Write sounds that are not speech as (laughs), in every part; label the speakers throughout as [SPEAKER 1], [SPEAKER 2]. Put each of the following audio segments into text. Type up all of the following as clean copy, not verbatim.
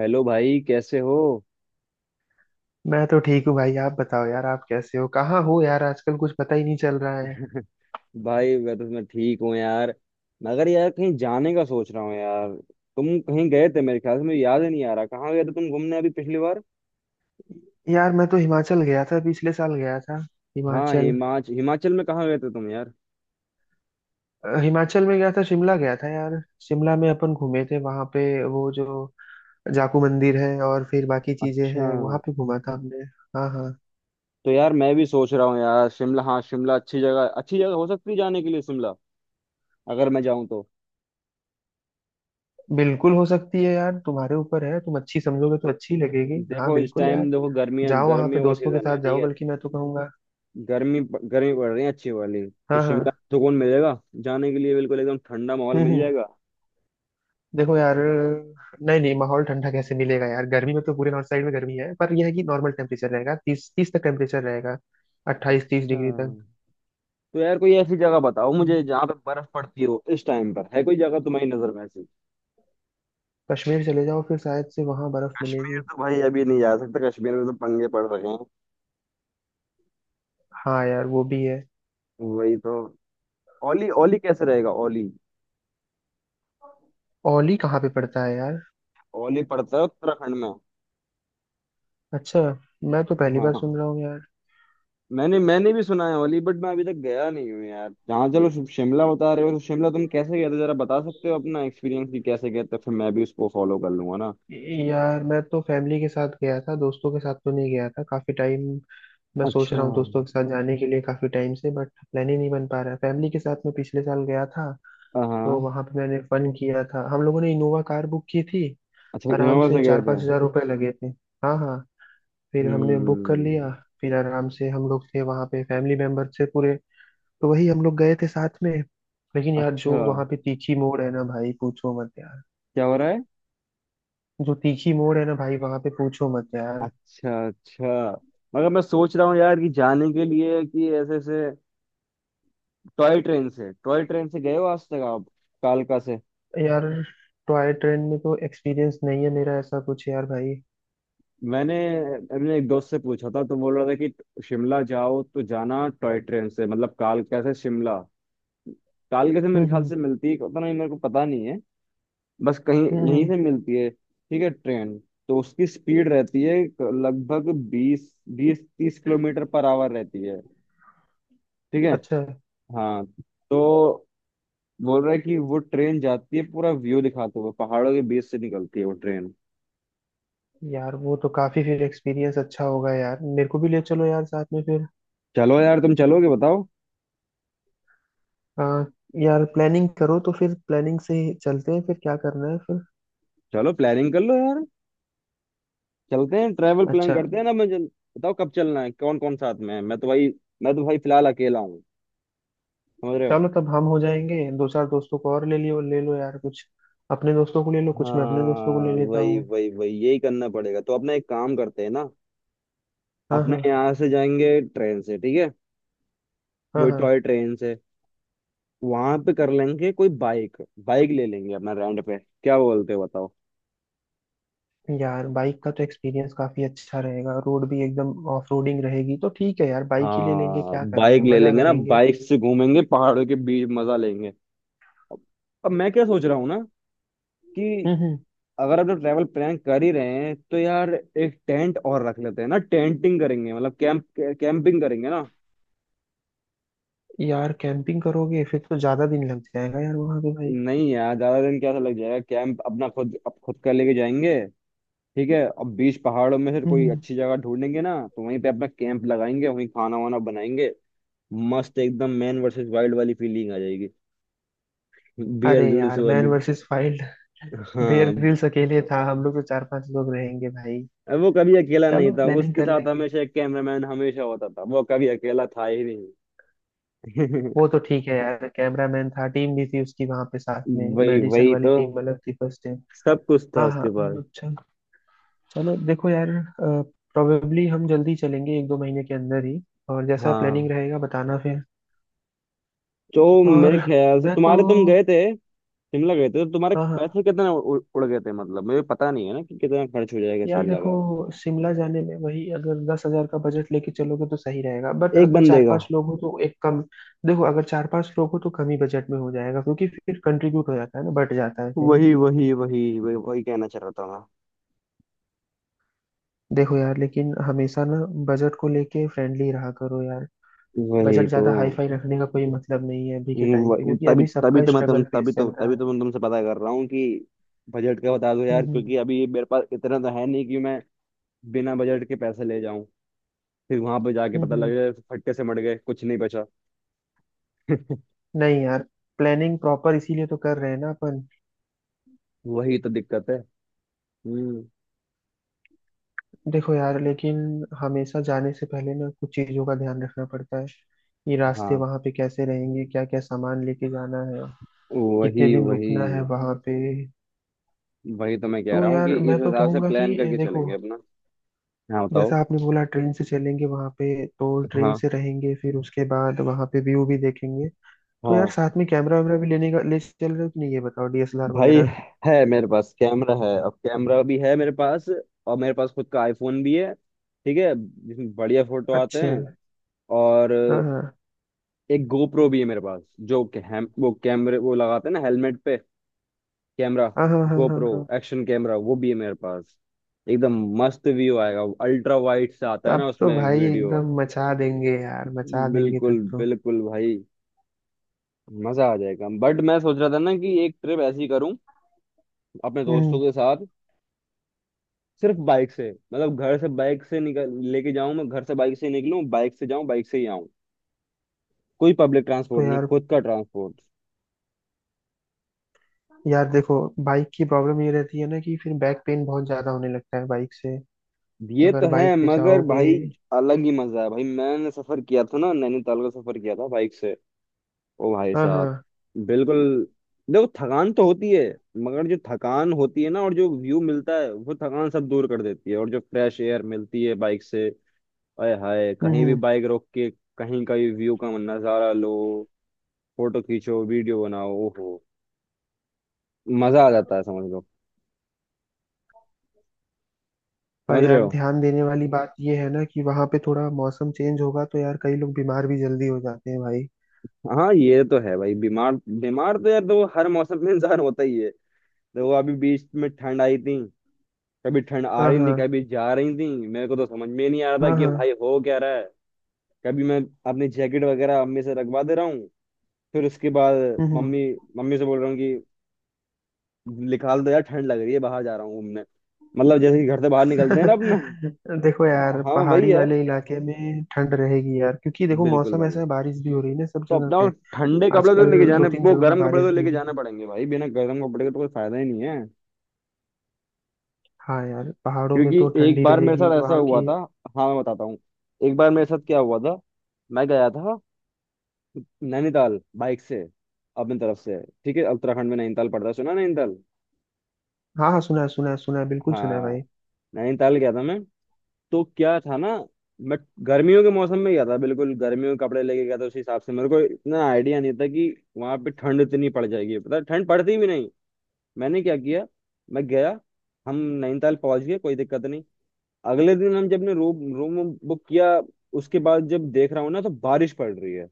[SPEAKER 1] Hello भाई कैसे हो।
[SPEAKER 2] मैं तो ठीक हूँ भाई। आप बताओ यार, आप कैसे हो, कहाँ हो यार? आजकल कुछ पता ही नहीं चल रहा है।
[SPEAKER 1] भाई मैं ठीक हूँ यार। मगर यार कहीं जाने का सोच रहा हूँ यार। तुम कहीं गए थे मेरे ख्याल से, मुझे याद ही नहीं आ रहा कहाँ गए थे तुम घूमने अभी पिछली बार।
[SPEAKER 2] यार मैं तो हिमाचल गया था, पिछले साल गया था,
[SPEAKER 1] हाँ,
[SPEAKER 2] हिमाचल।
[SPEAKER 1] हिमाचल। हिमाचल में कहाँ गए थे तुम यार?
[SPEAKER 2] हिमाचल में गया था, शिमला गया था यार। शिमला में अपन घूमे थे वहाँ पे, वो जो जाकू मंदिर है और फिर बाकी चीजें
[SPEAKER 1] अच्छा।
[SPEAKER 2] हैं वहाँ पे घूमा था हमने। हाँ हाँ।
[SPEAKER 1] तो यार मैं भी सोच रहा हूँ यार शिमला। हाँ शिमला अच्छी जगह, अच्छी जगह हो सकती है जाने के लिए शिमला, अगर मैं जाऊँ तो।
[SPEAKER 2] बिल्कुल हो सकती है यार, तुम्हारे ऊपर है, तुम अच्छी समझोगे तो अच्छी लगेगी। हाँ
[SPEAKER 1] देखो इस
[SPEAKER 2] बिल्कुल
[SPEAKER 1] टाइम
[SPEAKER 2] यार।
[SPEAKER 1] देखो गर्मी,
[SPEAKER 2] जाओ वहाँ पे
[SPEAKER 1] गर्मियों का
[SPEAKER 2] दोस्तों के
[SPEAKER 1] सीजन है,
[SPEAKER 2] साथ
[SPEAKER 1] ठीक
[SPEAKER 2] जाओ,
[SPEAKER 1] है।
[SPEAKER 2] बल्कि मैं तो कहूँगा।
[SPEAKER 1] गर्मी, गर्मी पड़ रही है अच्छी वाली। तो
[SPEAKER 2] हाँ हाँ।
[SPEAKER 1] शिमला में सुकून मिलेगा जाने के लिए, बिल्कुल एकदम ठंडा माहौल मिल
[SPEAKER 2] हम्म।
[SPEAKER 1] जाएगा।
[SPEAKER 2] देखो यार। नहीं नहीं, माहौल ठंडा कैसे मिलेगा यार? गर्मी में तो पूरे नॉर्थ साइड में गर्मी है, पर यह है कि नॉर्मल टेम्परेचर रहेगा, 30 30 तक टेम्परेचर रहेगा। अट्ठाईस तीस
[SPEAKER 1] अच्छा।
[SPEAKER 2] डिग्री तक।
[SPEAKER 1] तो यार कोई ऐसी जगह बताओ मुझे जहाँ पे बर्फ पड़ती हो इस टाइम पर, है कोई जगह तुम्हारी नजर में ऐसी?
[SPEAKER 2] कश्मीर चले जाओ फिर, शायद से वहां बर्फ
[SPEAKER 1] कश्मीर
[SPEAKER 2] मिलेगी।
[SPEAKER 1] तो भाई अभी नहीं जा सकता, कश्मीर में तो पंगे पड़ रहे हैं।
[SPEAKER 2] हाँ यार, वो भी है।
[SPEAKER 1] वही तो। ओली, ओली कैसे रहेगा ओली?
[SPEAKER 2] ओली कहाँ पे पड़ता है यार?
[SPEAKER 1] ओली पड़ता है उत्तराखंड में।
[SPEAKER 2] अच्छा। मैं तो पहली बार सुन
[SPEAKER 1] हाँ।
[SPEAKER 2] रहा हूँ यार।
[SPEAKER 1] मैंने मैंने भी सुना है ओली, बट मैं अभी तक गया नहीं हूँ यार। जहाँ चलो, शिमला बता रहे हो तो शिमला तुम कैसे गए थे जरा बता सकते हो अपना एक्सपीरियंस, कि कैसे गए थे फिर मैं भी उसको फॉलो कर लूंगा ना।
[SPEAKER 2] यार मैं तो फैमिली के साथ गया था, दोस्तों के साथ तो नहीं गया था काफी टाइम। मैं सोच
[SPEAKER 1] अच्छा।
[SPEAKER 2] रहा हूँ दोस्तों के साथ जाने के लिए काफी टाइम से, बट प्लान ही नहीं बन पा रहा है। फैमिली के साथ मैं पिछले साल गया था। तो
[SPEAKER 1] हाँ।
[SPEAKER 2] वहां पे मैंने फन किया था, हम लोगों ने इनोवा कार बुक की थी।
[SPEAKER 1] अच्छा,
[SPEAKER 2] आराम
[SPEAKER 1] इनोवा
[SPEAKER 2] से
[SPEAKER 1] से गए
[SPEAKER 2] चार
[SPEAKER 1] थे।
[SPEAKER 2] पाँच हजार रुपए लगे थे। हाँ हाँ। फिर हमने बुक कर लिया।
[SPEAKER 1] हम्म।
[SPEAKER 2] फिर आराम से हम लोग थे वहां पे, फैमिली मेंबर थे पूरे। तो वही हम लोग गए थे साथ में। लेकिन यार, जो
[SPEAKER 1] अच्छा,
[SPEAKER 2] वहां पे तीखी मोड़ है ना भाई, पूछो मत यार।
[SPEAKER 1] क्या हो रहा है?
[SPEAKER 2] जो तीखी मोड़ है ना भाई वहां पे, पूछो मत यार।
[SPEAKER 1] अच्छा अच्छा। मगर मैं सोच रहा हूँ यार कि जाने के लिए कि ऐसे ऐसे टॉय ट्रेन से, टॉय ट्रेन से गए हो आज तक आप, कालका से?
[SPEAKER 2] यार टॉय ट्रेन में तो एक्सपीरियंस नहीं है मेरा ऐसा कुछ यार भाई।
[SPEAKER 1] मैंने मैंने एक दोस्त से पूछा था तो बोल रहा था कि शिमला जाओ तो जाना टॉय ट्रेन से, मतलब कालका से शिमला। कालका से मेरे ख्याल
[SPEAKER 2] हम्म।
[SPEAKER 1] से मिलती है, पता नहीं, मेरे को पता नहीं है बस कहीं
[SPEAKER 2] हम्म
[SPEAKER 1] यहीं
[SPEAKER 2] हम्म।
[SPEAKER 1] से मिलती है ठीक है ट्रेन। तो उसकी स्पीड रहती है लगभग बीस बीस तीस किलोमीटर पर आवर रहती है, ठीक है।
[SPEAKER 2] अच्छा।
[SPEAKER 1] हाँ। तो बोल रहा है कि वो ट्रेन जाती है पूरा व्यू दिखाते हुए, पहाड़ों के बीच से निकलती है वो ट्रेन।
[SPEAKER 2] यार वो तो काफी फिर एक्सपीरियंस अच्छा होगा यार, मेरे को भी ले चलो यार साथ में फिर।
[SPEAKER 1] चलो यार, तुम चलोगे बताओ?
[SPEAKER 2] आ, यार प्लानिंग करो तो फिर, प्लानिंग से ही चलते हैं फिर, क्या करना है फिर।
[SPEAKER 1] चलो प्लानिंग कर लो यार, चलते हैं, ट्रैवल प्लान
[SPEAKER 2] अच्छा।
[SPEAKER 1] करते हैं ना। बताओ कब चलना है, कौन कौन साथ में है। मैं तो भाई, मैं तो भाई फिलहाल अकेला हूँ, समझ रहे हो।
[SPEAKER 2] चलो, तब हम हो जाएंगे, दो चार दोस्तों को और ले लियो, ले लो यार कुछ। अपने दोस्तों को ले लो कुछ, मैं अपने दोस्तों को ले
[SPEAKER 1] हाँ
[SPEAKER 2] लेता
[SPEAKER 1] वही
[SPEAKER 2] हूँ।
[SPEAKER 1] वही वही, यही करना पड़ेगा। तो अपना एक काम करते हैं ना,
[SPEAKER 2] हाँ
[SPEAKER 1] अपने
[SPEAKER 2] हाँ
[SPEAKER 1] यहाँ से जाएंगे ट्रेन से, ठीक है,
[SPEAKER 2] हाँ
[SPEAKER 1] वही
[SPEAKER 2] हाँ।
[SPEAKER 1] टॉय ट्रेन से। वहां पे कर लेंगे कोई बाइक, बाइक ले लेंगे अपना रेंट पे, क्या बोलते हो बताओ।
[SPEAKER 2] यार बाइक का तो एक्सपीरियंस काफी अच्छा रहेगा, रोड भी एकदम ऑफ रोडिंग रहेगी तो ठीक है यार, बाइक ही ले लेंगे,
[SPEAKER 1] हाँ
[SPEAKER 2] क्या करना
[SPEAKER 1] बाइक
[SPEAKER 2] है,
[SPEAKER 1] ले
[SPEAKER 2] मजा
[SPEAKER 1] लेंगे ना,
[SPEAKER 2] करेंगे।
[SPEAKER 1] बाइक से घूमेंगे पहाड़ों के बीच, मजा लेंगे। अब अब मैं क्या सोच रहा हूँ ना कि
[SPEAKER 2] हम्म।
[SPEAKER 1] अगर हम लोग ट्रैवल प्लान कर ही रहे हैं तो यार एक टेंट और रख लेते हैं ना, टेंटिंग करेंगे मतलब कैंप, कैंपिंग करेंगे ना।
[SPEAKER 2] यार कैंपिंग करोगे फिर तो ज्यादा दिन लग जाएगा यार वहां पे भाई।
[SPEAKER 1] नहीं यार ज्यादा दिन क्या लग जाएगा, कैंप अपना खुद, अब खुद कर लेके जाएंगे, ठीक है। अब बीच पहाड़ों में से
[SPEAKER 2] हम्म
[SPEAKER 1] कोई
[SPEAKER 2] हम्म।
[SPEAKER 1] अच्छी जगह ढूंढेंगे ना तो वहीं पे अपना कैंप लगाएंगे, वहीं खाना वाना बनाएंगे। मस्त एकदम मैन वर्सेस वाइल्ड वाली फीलिंग आ जाएगी, बियर
[SPEAKER 2] अरे
[SPEAKER 1] ग्रिल्स
[SPEAKER 2] यार मैन
[SPEAKER 1] वाली।
[SPEAKER 2] Versus wild. बेयर
[SPEAKER 1] हाँ,
[SPEAKER 2] ग्रिल्स अकेले था, हम लोग तो चार पांच लोग रहेंगे भाई।
[SPEAKER 1] अब वो कभी अकेला नहीं
[SPEAKER 2] चलो
[SPEAKER 1] था, वो
[SPEAKER 2] प्लानिंग
[SPEAKER 1] उसके
[SPEAKER 2] कर
[SPEAKER 1] साथ
[SPEAKER 2] लेंगे।
[SPEAKER 1] हमेशा एक कैमरामैन हमेशा होता था, वो कभी अकेला था ही नहीं।
[SPEAKER 2] वो तो
[SPEAKER 1] (laughs)
[SPEAKER 2] ठीक है यार, कैमरामैन था, टीम भी थी उसकी वहां पे साथ में।
[SPEAKER 1] वही
[SPEAKER 2] मेडिसिन
[SPEAKER 1] वही
[SPEAKER 2] वाली
[SPEAKER 1] तो।
[SPEAKER 2] टीम अलग थी, फर्स्ट टाइम।
[SPEAKER 1] सब कुछ था
[SPEAKER 2] हाँ हाँ।
[SPEAKER 1] उसके पास।
[SPEAKER 2] अच्छा। चलो देखो यार। प्रोबेबली हम जल्दी चलेंगे, एक दो महीने के अंदर ही। और जैसा प्लानिंग
[SPEAKER 1] हाँ।
[SPEAKER 2] रहेगा बताना फिर।
[SPEAKER 1] तो
[SPEAKER 2] और
[SPEAKER 1] मेरे ख्याल से
[SPEAKER 2] मैं तो।
[SPEAKER 1] तुम्हारे, तुम गए थे शिमला गए थे तो तुम्हारे
[SPEAKER 2] हाँ हाँ।
[SPEAKER 1] पैसे कितने उड़ गए थे, मतलब मुझे पता नहीं है ना कि कितना खर्च हो जाएगा
[SPEAKER 2] यार
[SPEAKER 1] शिमला
[SPEAKER 2] देखो,
[SPEAKER 1] का,
[SPEAKER 2] शिमला जाने में वही अगर 10 हजार का बजट लेके चलोगे तो सही रहेगा, बट
[SPEAKER 1] एक
[SPEAKER 2] अगर
[SPEAKER 1] बंदे
[SPEAKER 2] चार
[SPEAKER 1] का।
[SPEAKER 2] पांच लोग हो तो एक कम। देखो अगर चार पांच लोग हो तो कम ही बजट में हो जाएगा, क्योंकि फिर कंट्रीब्यूट हो जाता है ना, बट जाता है फिर।
[SPEAKER 1] वही वही वही वही वही कहना चाह रहा था,
[SPEAKER 2] देखो यार, लेकिन हमेशा ना, बजट को लेके फ्रेंडली रहा करो यार।
[SPEAKER 1] मैं वही
[SPEAKER 2] बजट
[SPEAKER 1] तो।
[SPEAKER 2] ज्यादा हाई फाई रखने का कोई मतलब नहीं है अभी के टाइम पे,
[SPEAKER 1] वो-
[SPEAKER 2] क्योंकि
[SPEAKER 1] तभी
[SPEAKER 2] अभी
[SPEAKER 1] तभी
[SPEAKER 2] सबका
[SPEAKER 1] तो मैं तुम
[SPEAKER 2] स्ट्रगल फेस चल रहा
[SPEAKER 1] तभी
[SPEAKER 2] है।
[SPEAKER 1] तो मैं तुमसे पता कर रहा हूँ कि बजट का बता दो यार, क्योंकि
[SPEAKER 2] हम्म।
[SPEAKER 1] अभी मेरे पास इतना तो है नहीं कि मैं बिना बजट के पैसे ले जाऊं, फिर वहां पे जाके
[SPEAKER 2] हम्म
[SPEAKER 1] पता लगे
[SPEAKER 2] हम्म।
[SPEAKER 1] फटके से मर गए, कुछ नहीं बचा। (laughs)
[SPEAKER 2] नहीं यार, प्लानिंग प्रॉपर इसीलिए तो कर रहे हैं ना अपन।
[SPEAKER 1] वही तो दिक्कत है। हम्म।
[SPEAKER 2] देखो यार, लेकिन हमेशा जाने से पहले ना कुछ चीजों का ध्यान रखना पड़ता है। ये रास्ते
[SPEAKER 1] हाँ
[SPEAKER 2] वहां पे कैसे रहेंगे, क्या क्या सामान लेके जाना है, कितने
[SPEAKER 1] वही
[SPEAKER 2] दिन रुकना है
[SPEAKER 1] वही।
[SPEAKER 2] वहां पे।
[SPEAKER 1] वही तो मैं कह
[SPEAKER 2] तो
[SPEAKER 1] रहा हूँ
[SPEAKER 2] यार
[SPEAKER 1] कि इस
[SPEAKER 2] मैं तो
[SPEAKER 1] हिसाब से
[SPEAKER 2] कहूंगा कि,
[SPEAKER 1] प्लान करके
[SPEAKER 2] देखो,
[SPEAKER 1] चलेंगे अपना। हाँ
[SPEAKER 2] जैसा
[SPEAKER 1] बताओ।
[SPEAKER 2] आपने बोला ट्रेन से चलेंगे, वहां पे तो ट्रेन
[SPEAKER 1] हाँ
[SPEAKER 2] से रहेंगे, फिर उसके बाद वहां पे व्यू भी देखेंगे। तो
[SPEAKER 1] हाँ
[SPEAKER 2] यार साथ में कैमरा वैमरा भी लेने का, ले चल रहे हो कि नहीं ये बताओ, डीएसएलआर
[SPEAKER 1] भाई,
[SPEAKER 2] वगैरह।
[SPEAKER 1] है, मेरे पास कैमरा है, अब कैमरा भी है मेरे पास, और मेरे पास खुद का आईफोन भी है, ठीक है, जिसमें बढ़िया फोटो आते
[SPEAKER 2] अच्छा।
[SPEAKER 1] हैं। और
[SPEAKER 2] हाँ हाँ
[SPEAKER 1] एक गोप्रो भी है मेरे पास, जो कि हम वो कैमरे वो लगाते हैं ना हेलमेट पे कैमरा,
[SPEAKER 2] हाँ हाँ हाँ हाँ
[SPEAKER 1] गोप्रो,
[SPEAKER 2] हाँ।
[SPEAKER 1] एक्शन कैमरा, वो भी है मेरे पास। एकदम मस्त व्यू आएगा, अल्ट्रा वाइड से आता है
[SPEAKER 2] तब
[SPEAKER 1] ना
[SPEAKER 2] तो
[SPEAKER 1] उसमें
[SPEAKER 2] भाई
[SPEAKER 1] वीडियो।
[SPEAKER 2] एकदम मचा देंगे यार, मचा देंगे
[SPEAKER 1] बिल्कुल
[SPEAKER 2] तब।
[SPEAKER 1] बिल्कुल भाई। मजा आ जाएगा, बट मैं सोच रहा था ना कि एक ट्रिप ऐसी करूं अपने
[SPEAKER 2] तो
[SPEAKER 1] दोस्तों के साथ सिर्फ बाइक से, मतलब घर से बाइक से निकल लेके जाऊं, मैं घर से बाइक से निकलूं, बाइक से जाऊं, बाइक से ही आऊं, कोई पब्लिक
[SPEAKER 2] तो
[SPEAKER 1] ट्रांसपोर्ट नहीं,
[SPEAKER 2] यार,
[SPEAKER 1] खुद का ट्रांसपोर्ट।
[SPEAKER 2] यार देखो, बाइक की प्रॉब्लम ये रहती है ना कि फिर बैक पेन बहुत ज्यादा होने लगता है बाइक से,
[SPEAKER 1] ये तो
[SPEAKER 2] अगर
[SPEAKER 1] है
[SPEAKER 2] बाइक पे
[SPEAKER 1] मगर
[SPEAKER 2] जाओगे।
[SPEAKER 1] भाई अलग ही मजा है भाई। मैंने सफर किया था ना, नैनीताल का सफर किया था बाइक से, ओ भाई
[SPEAKER 2] हाँ
[SPEAKER 1] साहब,
[SPEAKER 2] हाँ।
[SPEAKER 1] बिल्कुल। देखो थकान तो होती है, मगर जो थकान होती है ना और जो व्यू मिलता है वो थकान सब दूर कर देती है, और जो फ्रेश एयर मिलती है बाइक से, अय हाय,
[SPEAKER 2] हम्म
[SPEAKER 1] कहीं भी
[SPEAKER 2] हम्म।
[SPEAKER 1] बाइक रोक के कहीं का भी व्यू का नजारा लो, फोटो खींचो, वीडियो बनाओ, ओहो, मजा आ जाता है समझ लो,
[SPEAKER 2] पर
[SPEAKER 1] समझ रहे
[SPEAKER 2] यार
[SPEAKER 1] हो।
[SPEAKER 2] ध्यान देने वाली बात ये है ना कि वहां पे थोड़ा मौसम चेंज होगा, तो यार कई लोग बीमार भी जल्दी हो जाते हैं भाई।
[SPEAKER 1] हाँ ये तो है भाई, बीमार। बीमार तो यार देखो हर मौसम में (laughs) इंसान होता ही है। देखो अभी बीच में ठंड आई थी, कभी ठंड आ
[SPEAKER 2] हाँ
[SPEAKER 1] रही थी
[SPEAKER 2] हाँ
[SPEAKER 1] कभी जा रही थी, मेरे को तो समझ में नहीं आ रहा था
[SPEAKER 2] हाँ
[SPEAKER 1] कि
[SPEAKER 2] हाँ।
[SPEAKER 1] भाई हो क्या रहा है। कभी मैं अपनी जैकेट वगैरह अम्मी से रखवा दे रहा हूँ, फिर उसके बाद
[SPEAKER 2] हम्म।
[SPEAKER 1] मम्मी मम्मी से बोल रहा हूँ कि निकाल दो यार ठंड लग रही है, बाहर जा रहा हूँ घूमने, मतलब जैसे कि घर से बाहर निकलते हैं ना अपना।
[SPEAKER 2] (laughs) देखो यार
[SPEAKER 1] हाँ वही
[SPEAKER 2] पहाड़ी
[SPEAKER 1] यार,
[SPEAKER 2] वाले इलाके में ठंड रहेगी यार, क्योंकि देखो
[SPEAKER 1] बिल्कुल
[SPEAKER 2] मौसम ऐसा
[SPEAKER 1] भाई।
[SPEAKER 2] है, बारिश भी हो रही है ना सब
[SPEAKER 1] तो
[SPEAKER 2] जगह
[SPEAKER 1] अपना
[SPEAKER 2] पे।
[SPEAKER 1] ठंडे कपड़े तो
[SPEAKER 2] आजकल
[SPEAKER 1] लेके
[SPEAKER 2] दो
[SPEAKER 1] जाने,
[SPEAKER 2] तीन
[SPEAKER 1] वो
[SPEAKER 2] जगहों पे
[SPEAKER 1] गर्म कपड़े तो
[SPEAKER 2] बारिश भी हो
[SPEAKER 1] लेके
[SPEAKER 2] रही
[SPEAKER 1] जाने
[SPEAKER 2] है।
[SPEAKER 1] पड़ेंगे भाई, बिना गर्म कपड़े के तो कोई फायदा ही नहीं है।
[SPEAKER 2] हाँ यार, पहाड़ों में
[SPEAKER 1] क्योंकि
[SPEAKER 2] तो
[SPEAKER 1] एक
[SPEAKER 2] ठंडी
[SPEAKER 1] बार मेरे
[SPEAKER 2] रहेगी
[SPEAKER 1] साथ ऐसा
[SPEAKER 2] वहाँ
[SPEAKER 1] हुआ
[SPEAKER 2] की।
[SPEAKER 1] था, हाँ मैं बताता हूँ, एक बार मेरे साथ क्या हुआ था, मैं गया था नैनीताल बाइक से, अपनी तरफ से, ठीक है उत्तराखंड में नैनीताल पड़ता है, सुना नैनीताल?
[SPEAKER 2] हाँ हाँ, सुना है सुना है सुना है, बिल्कुल सुना है भाई।
[SPEAKER 1] हाँ। नैनीताल गया था मैं, तो क्या था ना, मैं गर्मियों के मौसम में गया था, बिल्कुल गर्मियों के कपड़े लेके गया था, उस हिसाब से मेरे को इतना आइडिया नहीं था कि वहां पे ठंड इतनी पड़ जाएगी, पता है ठंड पड़ती भी नहीं। मैंने क्या किया, मैं गया, हम नैनीताल पहुंच गए, कोई दिक्कत नहीं। अगले दिन हम जब ने रूम रूम बुक किया, उसके बाद जब देख रहा हूँ ना तो बारिश पड़ रही है,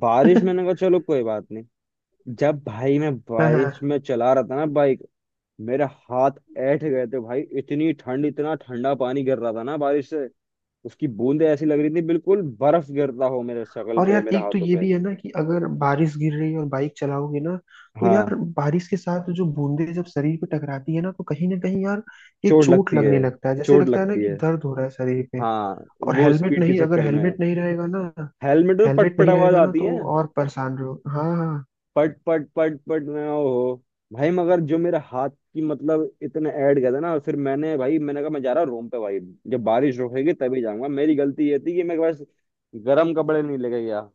[SPEAKER 1] बारिश।
[SPEAKER 2] (laughs)
[SPEAKER 1] मैंने कहा चलो कोई बात नहीं। जब भाई मैं
[SPEAKER 2] हाँ हाँ।
[SPEAKER 1] बारिश में चला रहा था ना बाइक, मेरे हाथ ऐंठ गए थे भाई, इतनी ठंड, इतना ठंडा पानी गिर रहा था ना बारिश से, उसकी बूंदें ऐसी लग रही थी बिल्कुल बर्फ गिरता हो मेरे शक्ल
[SPEAKER 2] और
[SPEAKER 1] पे,
[SPEAKER 2] यार
[SPEAKER 1] मेरे
[SPEAKER 2] एक तो
[SPEAKER 1] हाथों
[SPEAKER 2] ये
[SPEAKER 1] पे।
[SPEAKER 2] भी है ना कि अगर बारिश गिर रही है और बाइक चलाओगे ना, तो यार
[SPEAKER 1] हाँ
[SPEAKER 2] बारिश के साथ जो बूंदे जब शरीर पे टकराती है ना तो कहीं ना कहीं यार, ये
[SPEAKER 1] चोट
[SPEAKER 2] चोट
[SPEAKER 1] लगती है,
[SPEAKER 2] लगने लगता है, जैसे
[SPEAKER 1] चोट
[SPEAKER 2] लगता है ना
[SPEAKER 1] लगती
[SPEAKER 2] कि
[SPEAKER 1] है।
[SPEAKER 2] दर्द हो रहा है शरीर पे।
[SPEAKER 1] हाँ,
[SPEAKER 2] और
[SPEAKER 1] वो
[SPEAKER 2] हेलमेट
[SPEAKER 1] स्पीड के
[SPEAKER 2] नहीं, अगर
[SPEAKER 1] चक्कर में
[SPEAKER 2] हेलमेट नहीं रहेगा ना,
[SPEAKER 1] हेलमेट में पट
[SPEAKER 2] हेलमेट
[SPEAKER 1] पट
[SPEAKER 2] नहीं
[SPEAKER 1] आवाज
[SPEAKER 2] रहेगा ना
[SPEAKER 1] आती
[SPEAKER 2] तो
[SPEAKER 1] है,
[SPEAKER 2] और परेशान रहो। हाँ हाँ।
[SPEAKER 1] पट पट पट पट, मैं ओहो। भाई मगर जो मेरे हाथ की मतलब इतने ऐड गए थे ना, फिर मैंने भाई मैंने कहा मैं जा रहा हूँ रूम पे भाई, जब बारिश रुकेगी तभी जाऊंगा। मेरी गलती ये थी कि मैं बस गर्म कपड़े नहीं लेके गया,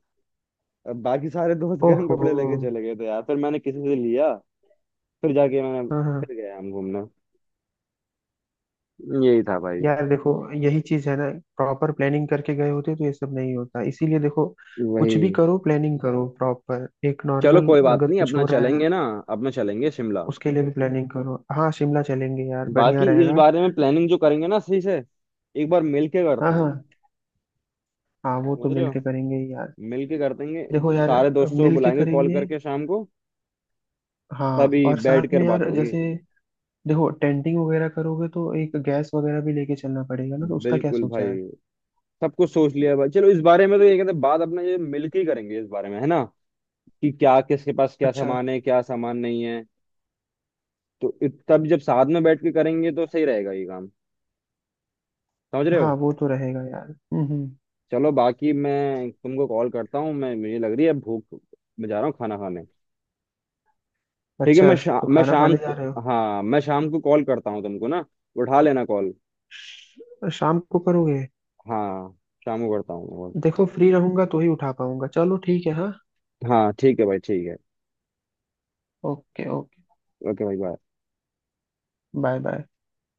[SPEAKER 1] अब बाकी सारे दोस्त गर्म
[SPEAKER 2] ओहो।
[SPEAKER 1] कपड़े लेके चले गए थे यार, फिर मैंने किसी से लिया, फिर जाके मैंने,
[SPEAKER 2] हाँ हाँ।
[SPEAKER 1] फिर गया हम घूमने, यही था भाई।
[SPEAKER 2] यार देखो, यही चीज है ना, प्रॉपर प्लानिंग करके गए होते तो ये सब नहीं होता, इसीलिए देखो, कुछ भी
[SPEAKER 1] वही,
[SPEAKER 2] करो प्लानिंग करो प्रॉपर एक
[SPEAKER 1] चलो
[SPEAKER 2] नॉर्मल,
[SPEAKER 1] कोई बात
[SPEAKER 2] अगर
[SPEAKER 1] नहीं
[SPEAKER 2] कुछ
[SPEAKER 1] अपना
[SPEAKER 2] हो रहा है ना,
[SPEAKER 1] चलेंगे ना, अपना चलेंगे शिमला।
[SPEAKER 2] उसके लिए भी प्लानिंग करो। हाँ शिमला चलेंगे यार, बढ़िया
[SPEAKER 1] बाकी इस
[SPEAKER 2] रहेगा।
[SPEAKER 1] बारे में प्लानिंग जो करेंगे ना सही से, एक बार मिल के
[SPEAKER 2] हाँ
[SPEAKER 1] करते हैं,
[SPEAKER 2] हाँ। हाँ वो
[SPEAKER 1] समझ
[SPEAKER 2] तो
[SPEAKER 1] रहे हो,
[SPEAKER 2] मिलके करेंगे ही यार।
[SPEAKER 1] मिलके कर देंगे।
[SPEAKER 2] देखो यार,
[SPEAKER 1] सारे दोस्तों को
[SPEAKER 2] मिलके
[SPEAKER 1] बुलाएंगे कॉल
[SPEAKER 2] करेंगे।
[SPEAKER 1] करके शाम को,
[SPEAKER 2] हाँ,
[SPEAKER 1] तभी
[SPEAKER 2] और
[SPEAKER 1] बैठ
[SPEAKER 2] साथ
[SPEAKER 1] कर
[SPEAKER 2] में
[SPEAKER 1] बात
[SPEAKER 2] यार
[SPEAKER 1] होगी।
[SPEAKER 2] जैसे, देखो टेंटिंग वगैरह करोगे तो एक गैस वगैरह भी लेके चलना पड़ेगा ना, तो उसका क्या
[SPEAKER 1] बिल्कुल
[SPEAKER 2] सोचा है?
[SPEAKER 1] भाई, सब कुछ सोच लिया भाई, चलो इस बारे में तो ये कहते हैं, बात अपना ये मिलके ही करेंगे इस बारे में, है ना, कि क्या किसके पास क्या
[SPEAKER 2] अच्छा।
[SPEAKER 1] सामान है, क्या सामान नहीं है। तो तब जब साथ में बैठ के करेंगे तो सही रहेगा ये काम, समझ रहे
[SPEAKER 2] हाँ
[SPEAKER 1] हो।
[SPEAKER 2] वो तो रहेगा यार। हम्म।
[SPEAKER 1] चलो बाकी मैं तुमको कॉल करता हूँ, मैं, मुझे लग रही है भूख, मैं जा रहा हूँ खाना खाने, ठीक है।
[SPEAKER 2] अच्छा।
[SPEAKER 1] मैं शा,
[SPEAKER 2] तो
[SPEAKER 1] मैं
[SPEAKER 2] खाना
[SPEAKER 1] शाम
[SPEAKER 2] खाने जा
[SPEAKER 1] को,
[SPEAKER 2] रहे हो?
[SPEAKER 1] हाँ, मैं शाम को कॉल करता हूँ तुमको ना, उठा लेना कॉल।
[SPEAKER 2] शाम को करोगे?
[SPEAKER 1] हाँ, शाम को करता हूँ मैं call।
[SPEAKER 2] देखो फ्री रहूंगा तो ही उठा पाऊंगा, चलो ठीक है हाँ।
[SPEAKER 1] हाँ ठीक है भाई, ठीक है।
[SPEAKER 2] Okay okay.
[SPEAKER 1] ओके भाई, बाय।
[SPEAKER 2] Bye bye.